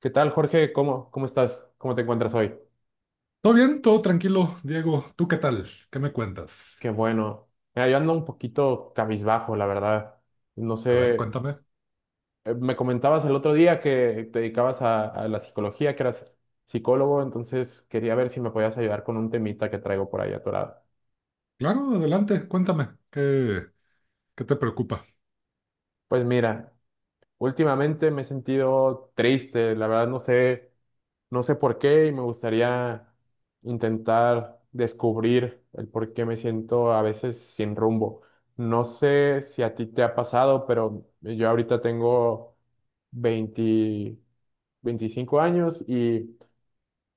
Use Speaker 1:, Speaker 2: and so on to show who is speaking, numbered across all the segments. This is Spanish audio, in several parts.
Speaker 1: ¿Qué tal, Jorge? ¿Cómo estás? ¿Cómo te encuentras hoy?
Speaker 2: Todo bien, todo tranquilo, Diego. ¿Tú qué tal? ¿Qué me cuentas?
Speaker 1: Qué bueno. Mira, yo ando un poquito cabizbajo, la verdad. No
Speaker 2: A ver,
Speaker 1: sé,
Speaker 2: cuéntame.
Speaker 1: me comentabas el otro día que te dedicabas a la psicología, que eras psicólogo, entonces quería ver si me podías ayudar con un temita que traigo por ahí atorado.
Speaker 2: Claro, adelante, cuéntame. ¿Qué te preocupa?
Speaker 1: Pues mira, últimamente me he sentido triste, la verdad no sé. No sé por qué y me gustaría intentar descubrir el por qué me siento a veces sin rumbo. No sé si a ti te ha pasado, pero yo ahorita tengo 20 25 años y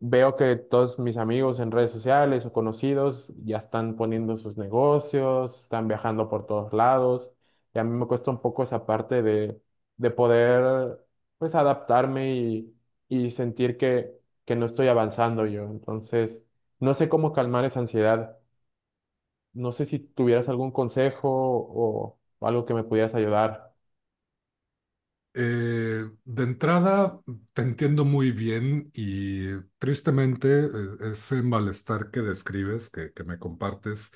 Speaker 1: veo que todos mis amigos en redes sociales o conocidos ya están poniendo sus negocios, están viajando por todos lados, y a mí me cuesta un poco esa parte de poder pues adaptarme y sentir que no estoy avanzando yo. Entonces, no sé cómo calmar esa ansiedad. No sé si tuvieras algún consejo o algo que me pudieras ayudar.
Speaker 2: De entrada, te entiendo muy bien y tristemente ese malestar que describes, que me compartes,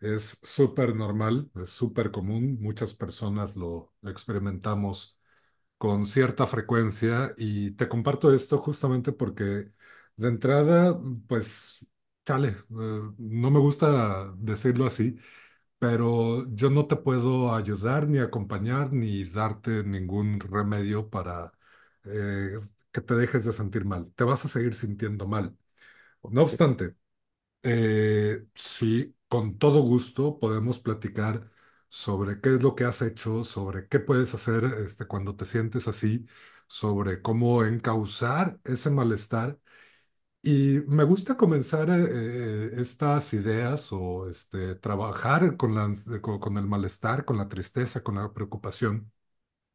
Speaker 2: es súper normal, es súper común. Muchas personas lo experimentamos con cierta frecuencia y te comparto esto justamente porque de entrada, pues, chale, no me gusta decirlo así, pero yo no te puedo ayudar ni acompañar ni darte ningún remedio para eh, que te dejes de sentir mal. Te vas a seguir sintiendo mal. No obstante, sí, con todo gusto podemos platicar sobre qué es lo que has hecho, sobre qué puedes hacer este, cuando te sientes así, sobre cómo encauzar ese malestar. Y me gusta comenzar estas ideas o este, trabajar con la con el malestar, con la tristeza, con la preocupación,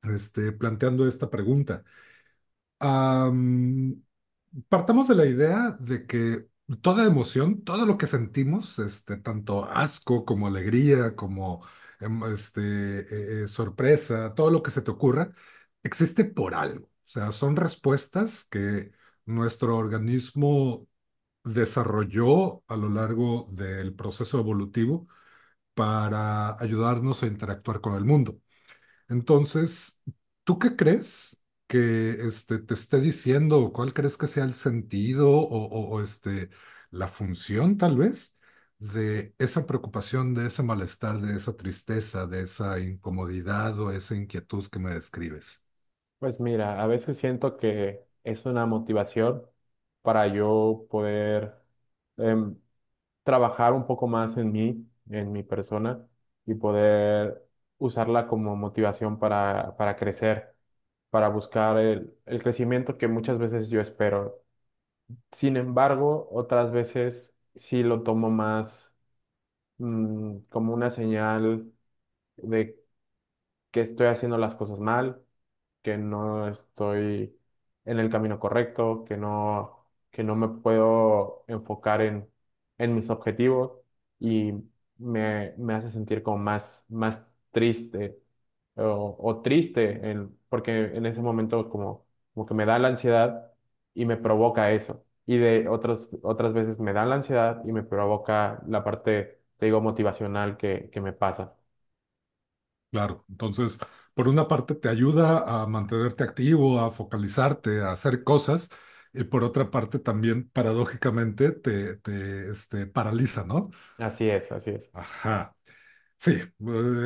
Speaker 2: este, planteando esta pregunta. Partamos de la idea de que toda emoción, todo lo que sentimos, este, tanto asco como alegría, como este, sorpresa, todo lo que se te ocurra, existe por algo. O sea, son respuestas que nuestro organismo desarrolló a lo largo del proceso evolutivo para ayudarnos a interactuar con el mundo. Entonces, ¿tú qué crees que este, te esté diciendo? ¿Cuál crees que sea el sentido o, este, la función, tal vez, de esa preocupación, de ese malestar, de esa tristeza, de esa incomodidad o esa inquietud que me describes?
Speaker 1: Pues mira, a veces siento que es una motivación para yo poder em, trabajar un poco más en mí, en mi persona, y poder usarla como motivación para crecer, para buscar el crecimiento que muchas veces yo espero. Sin embargo, otras veces sí lo tomo más como una señal de que estoy haciendo las cosas mal, que no estoy en el camino correcto, que no me puedo enfocar en mis objetivos y me hace sentir como más triste o porque en ese momento como, como que me da la ansiedad y me provoca eso. Y de otras veces me da la ansiedad y me provoca la parte, te digo, motivacional que me pasa.
Speaker 2: Claro, entonces, por una parte te ayuda a mantenerte activo, a focalizarte, a hacer cosas, y por otra parte también, paradójicamente, este, paraliza, ¿no?
Speaker 1: Así es, así es.
Speaker 2: Ajá. Sí,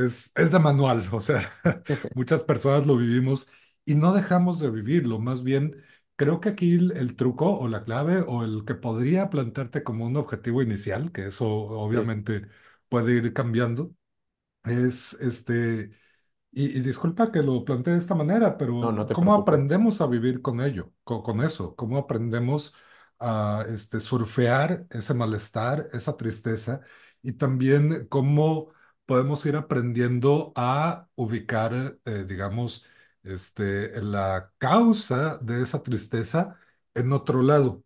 Speaker 2: es de manual, o sea, muchas personas lo vivimos y no dejamos de vivirlo, más bien creo que aquí el truco o la clave o el que podría plantearte como un objetivo inicial, que eso
Speaker 1: Sí.
Speaker 2: obviamente puede ir cambiando, es este y disculpa que lo plantee de esta manera,
Speaker 1: No,
Speaker 2: pero
Speaker 1: no te
Speaker 2: ¿cómo
Speaker 1: preocupes.
Speaker 2: aprendemos a vivir con ello, con, eso? ¿Cómo aprendemos a este, surfear ese malestar, esa tristeza? Y también cómo podemos ir aprendiendo a ubicar, digamos, este, la causa de esa tristeza en otro lado.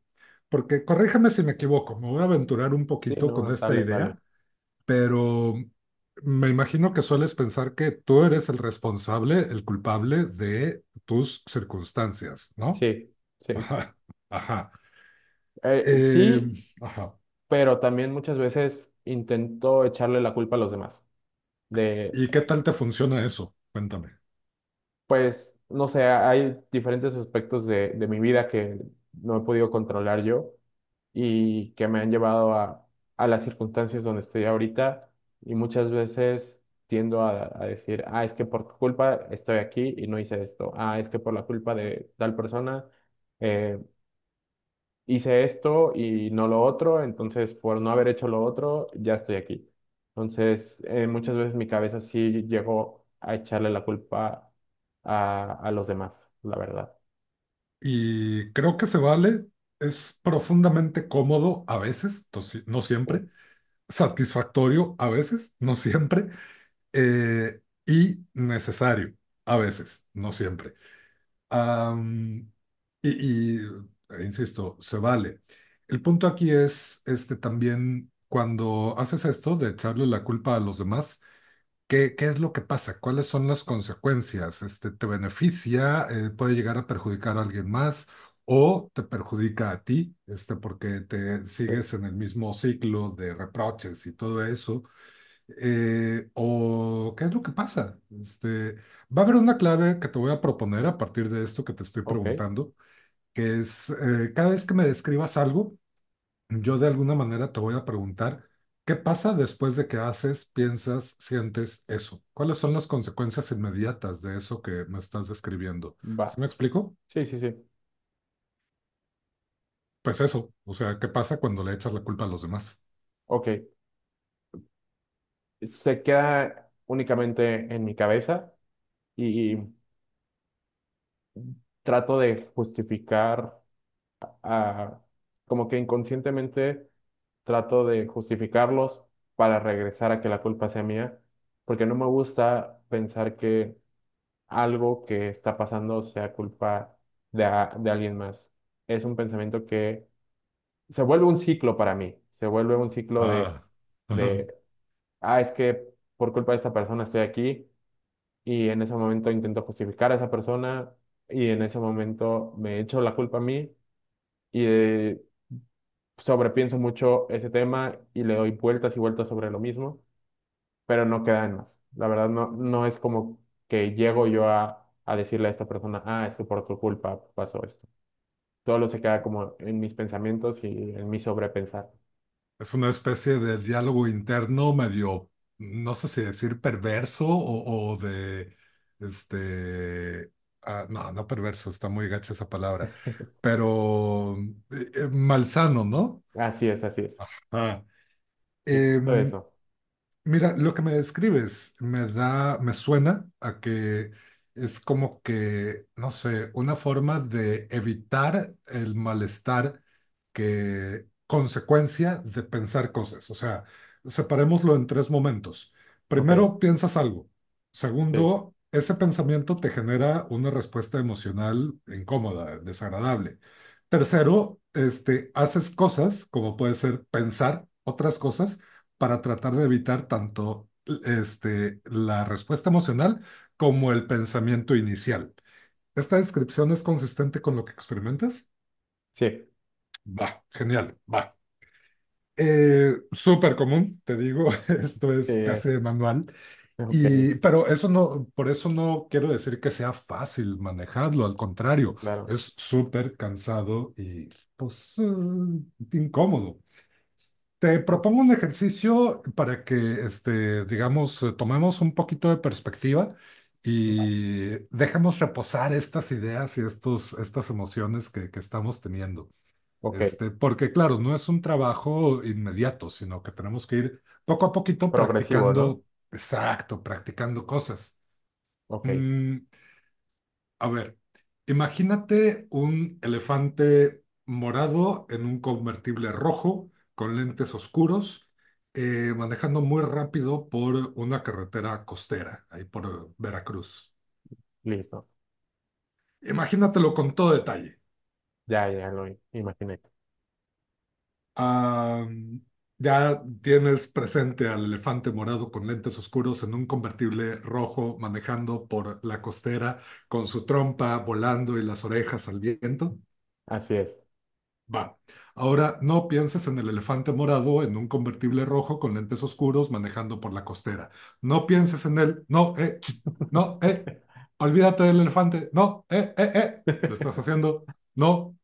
Speaker 2: Porque corríjame si me equivoco, me voy a aventurar un
Speaker 1: Sí,
Speaker 2: poquito
Speaker 1: no,
Speaker 2: con
Speaker 1: no,
Speaker 2: esta
Speaker 1: dale, dale.
Speaker 2: idea, pero me imagino que sueles pensar que tú eres el responsable, el culpable de tus circunstancias, ¿no?
Speaker 1: Sí, sí.
Speaker 2: Ajá, ajá. Eh,
Speaker 1: Sí,
Speaker 2: ajá.
Speaker 1: pero también muchas veces intento echarle la culpa a los demás. De,
Speaker 2: ¿Y qué tal te funciona eso? Cuéntame.
Speaker 1: pues, no sé, hay diferentes aspectos de mi vida que no he podido controlar yo y que me han llevado a las circunstancias donde estoy ahorita. Y muchas veces tiendo a decir, ah, es que por tu culpa estoy aquí y no hice esto. Ah, es que por la culpa de tal persona. eh, hice esto y no lo otro, entonces por no haber hecho lo otro, ya estoy aquí. Entonces, muchas veces mi cabeza sí llegó a echarle la culpa a los demás, la verdad.
Speaker 2: Y creo que se vale, es profundamente cómodo a veces, no no siempre, satisfactorio a veces, no siempre, eh, y necesario a veces, no siempre. Am, y, y, insisto, se vale. El punto aquí es este también cuando haces esto de echarle la culpa a los demás, ¿qué es lo que pasa? ¿Cuáles son las consecuencias? Este, ¿te beneficia? ¿Puede llegar a perjudicar a alguien más? ¿O te perjudica a ti? Este, porque te
Speaker 1: Sí.
Speaker 2: sigues en el mismo ciclo de reproches y todo eso, o qué es lo que pasa. Este, va a haber una clave que te voy a proponer a partir de esto que te estoy
Speaker 1: Ok,
Speaker 2: preguntando, que es cada vez que me describas algo, yo de alguna manera te voy a preguntar qué pasa después de que haces, piensas, sientes eso. ¿Cuáles son las consecuencias inmediatas de eso que me estás describiendo? ¿Sí
Speaker 1: va.
Speaker 2: me explico?
Speaker 1: Sí, sí, sí.
Speaker 2: Pues eso, o sea, ¿qué pasa cuando le echas la culpa a los demás?
Speaker 1: Ok. Se queda únicamente en mi cabeza y trato de justificar a- como que inconscientemente trato de justificarlos para regresar a que la culpa sea mía, porque no me gusta pensar que algo que está pasando sea culpa de, de alguien más. Es un pensamiento que se vuelve un ciclo para mí, se vuelve un ciclo
Speaker 2: Ah.
Speaker 1: de, ah, es que por culpa de esta persona estoy aquí y en ese momento intento justificar a esa persona y en ese momento me echo la culpa a mí y sobrepienso mucho ese tema y le doy vueltas y vueltas sobre lo mismo. Pero no queda en más. La verdad, no, no es como que llego yo a decirle a esta persona, ah, es que por tu culpa pasó esto. Solo se queda como en mis pensamientos y en mi sobrepensar.
Speaker 2: Es una especie de diálogo interno medio, no sé si decir perverso o de, este, ah, no, no perverso, está muy gacha esa palabra, pero malsano, ¿no?
Speaker 1: Así es, así es.
Speaker 2: Ah.
Speaker 1: Sí, justo
Speaker 2: Em,
Speaker 1: eso.
Speaker 2: mira, lo que me describes me da, me suena a que es como que, no sé, una forma de evitar el malestar que consecuencia de pensar cosas. O sea, separémoslo en tres momentos.
Speaker 1: Ok,
Speaker 2: Primero, piensas algo.
Speaker 1: sí,
Speaker 2: Segundo, ese pensamiento te genera una respuesta emocional incómoda, desagradable. Tercero, este, haces cosas, como puede ser pensar otras cosas para tratar de evitar tanto este, la respuesta emocional como el pensamiento inicial. ¿Esta descripción es consistente con lo que experimentas?
Speaker 1: sí,
Speaker 2: Va, genial, va. Súper común, te digo, esto
Speaker 1: sí,
Speaker 2: es casi de manual,
Speaker 1: ok,
Speaker 2: y, pero eso no, por eso no quiero decir que sea fácil manejarlo, al
Speaker 1: sí,
Speaker 2: contrario,
Speaker 1: claro.
Speaker 2: es súper cansado y pues incómodo. Te
Speaker 1: Sí.
Speaker 2: propongo un ejercicio para que, este, digamos, tomemos un poquito de perspectiva y dejemos reposar estas ideas y estas emociones que estamos teniendo.
Speaker 1: Ok,
Speaker 2: Este, porque, claro, no es un trabajo inmediato, sino que tenemos que ir poco a poquito
Speaker 1: progresivo, ¿no?
Speaker 2: practicando, exacto, practicando cosas.
Speaker 1: Ok,
Speaker 2: Mm, a ver, imagínate un elefante morado en un convertible rojo con lentes oscuros, manejando muy rápido por una carretera costera, ahí por Veracruz.
Speaker 1: listo.
Speaker 2: Imagínatelo con todo detalle.
Speaker 1: Ya, ya lo imaginé.
Speaker 2: Ah, ya tienes presente al elefante morado con lentes oscuros en un convertible rojo manejando por la costera con su trompa volando y las orejas al viento.
Speaker 1: Así es.
Speaker 2: Va. Ahora no pienses en el elefante morado en un convertible rojo con lentes oscuros manejando por la costera. No pienses en él. No, tss, no, eh. Olvídate del elefante. No, Lo estás haciendo. No,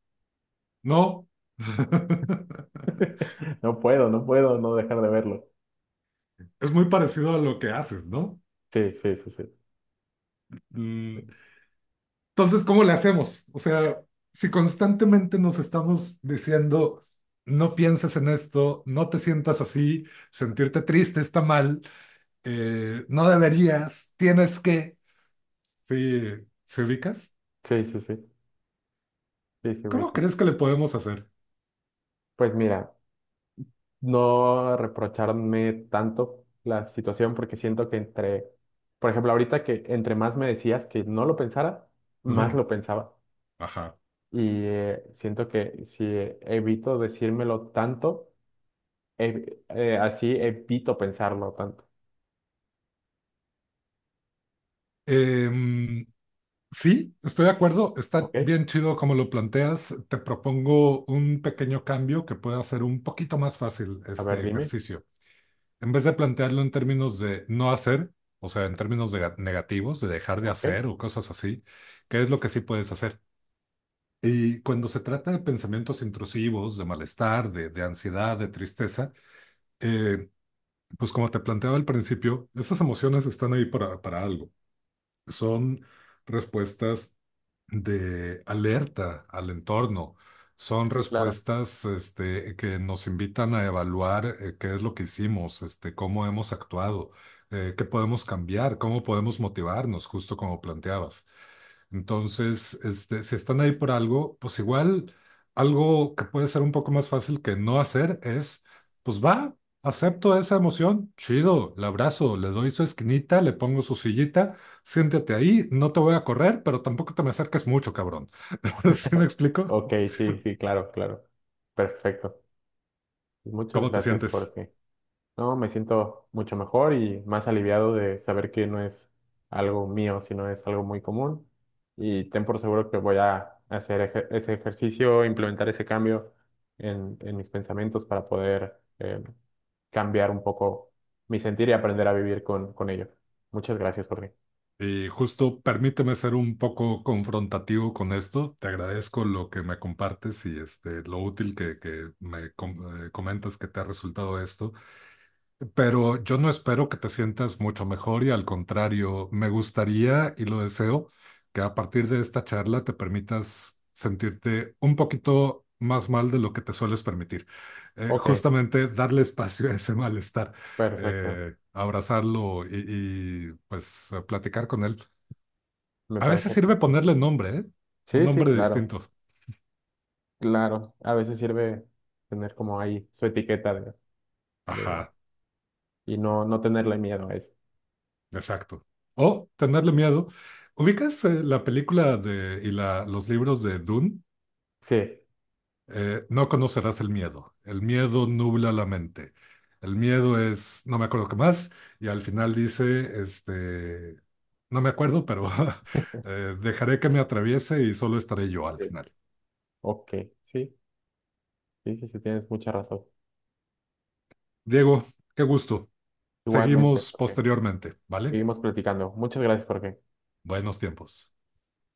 Speaker 2: no.
Speaker 1: No puedo, no puedo no dejar de verlo.
Speaker 2: Es muy parecido a lo que haces, ¿no?
Speaker 1: Sí, sí, sí, sí.
Speaker 2: Mm, entonces, ¿cómo le hacemos? O sea, si constantemente nos estamos diciendo, no pienses en esto, no te sientas así, sentirte triste está mal, no deberías, tienes que. Sí, ¿se ubicas?
Speaker 1: Sí, sí, sí. Sí, sí,
Speaker 2: ¿Cómo
Speaker 1: ubico.
Speaker 2: crees que le podemos hacer?
Speaker 1: Pues mira, no reprocharme tanto la situación porque siento que entre, por ejemplo, ahorita que entre más me decías que no lo pensara, más lo pensaba.
Speaker 2: Ajá.
Speaker 1: Y siento que si evito decírmelo tanto, así evito pensarlo tanto.
Speaker 2: Em, sí, estoy de acuerdo, está
Speaker 1: ¿Ok?
Speaker 2: bien chido como lo planteas. Te propongo un pequeño cambio que pueda hacer un poquito más fácil
Speaker 1: A ver,
Speaker 2: este
Speaker 1: dime.
Speaker 2: ejercicio. En vez de plantearlo en términos de no hacer, o sea, en términos de negativos, de dejar de
Speaker 1: ¿Ok?
Speaker 2: hacer o cosas así, ¿qué es lo que sí puedes hacer? Y cuando se trata de pensamientos intrusivos, de malestar, de ansiedad, de tristeza, eh, pues como te planteaba al principio, esas emociones están ahí para algo. Son respuestas de alerta al entorno. Son
Speaker 1: Sí, claro.
Speaker 2: respuestas este, que nos invitan a evaluar qué es lo que hicimos, este, cómo hemos actuado, qué podemos cambiar, cómo podemos motivarnos, justo como planteabas. Entonces, este, si están ahí por algo, pues igual algo que puede ser un poco más fácil que no hacer es, pues va, acepto esa emoción, chido, la abrazo, le doy su esquinita, le pongo su sillita, siéntate ahí, no te voy a correr, pero tampoco te me acerques mucho, cabrón. ¿Sí me explico?
Speaker 1: Ok, sí, sí, claro, claro. Perfecto. Muchas
Speaker 2: ¿Cómo te
Speaker 1: gracias,
Speaker 2: sientes?
Speaker 1: Jorge. No, me siento mucho mejor y más aliviado de saber que no es algo mío, sino es algo muy común. Y ten por seguro que voy a hacer ese ejercicio, implementar ese cambio en mis pensamientos para poder cambiar un poco mi sentir y aprender a vivir con ello. Muchas gracias, Jorge.
Speaker 2: Y justo permíteme ser un poco confrontativo con esto. Te agradezco lo que me compartes y este, lo útil que me comentas que te ha resultado esto. Pero yo no espero que te sientas mucho mejor y al contrario, me gustaría y lo deseo que a partir de esta charla te permitas sentirte un poquito más mal de lo que te sueles permitir.
Speaker 1: Ok,
Speaker 2: Justamente darle espacio a ese malestar,
Speaker 1: perfecto.
Speaker 2: abrazarlo pues platicar con él.
Speaker 1: Me
Speaker 2: A
Speaker 1: parece.
Speaker 2: veces sirve
Speaker 1: Perfecto.
Speaker 2: ponerle nombre, ¿eh? Un
Speaker 1: Sí, sí,
Speaker 2: nombre
Speaker 1: claro,
Speaker 2: distinto.
Speaker 1: claro. A veces sirve tener como ahí su etiqueta de-
Speaker 2: Ajá,
Speaker 1: y no, no tenerle miedo a eso.
Speaker 2: exacto. O tenerle miedo. ¿Ubicas la película de, y la, los libros de Dune?
Speaker 1: Sí.
Speaker 2: No conocerás el miedo. El miedo nubla la mente. El miedo es, no me acuerdo qué más, y al final dice, este, no me acuerdo, pero dejaré que me atraviese y solo
Speaker 1: Sí.
Speaker 2: estaré yo al final.
Speaker 1: Ok, sí, sí, sí, sí, tienes mucha razón.
Speaker 2: Diego, qué gusto.
Speaker 1: Igualmente,
Speaker 2: Seguimos
Speaker 1: Jorge.
Speaker 2: posteriormente, ¿vale?
Speaker 1: Seguimos platicando. Muchas gracias, Jorge.
Speaker 2: Buenos tiempos.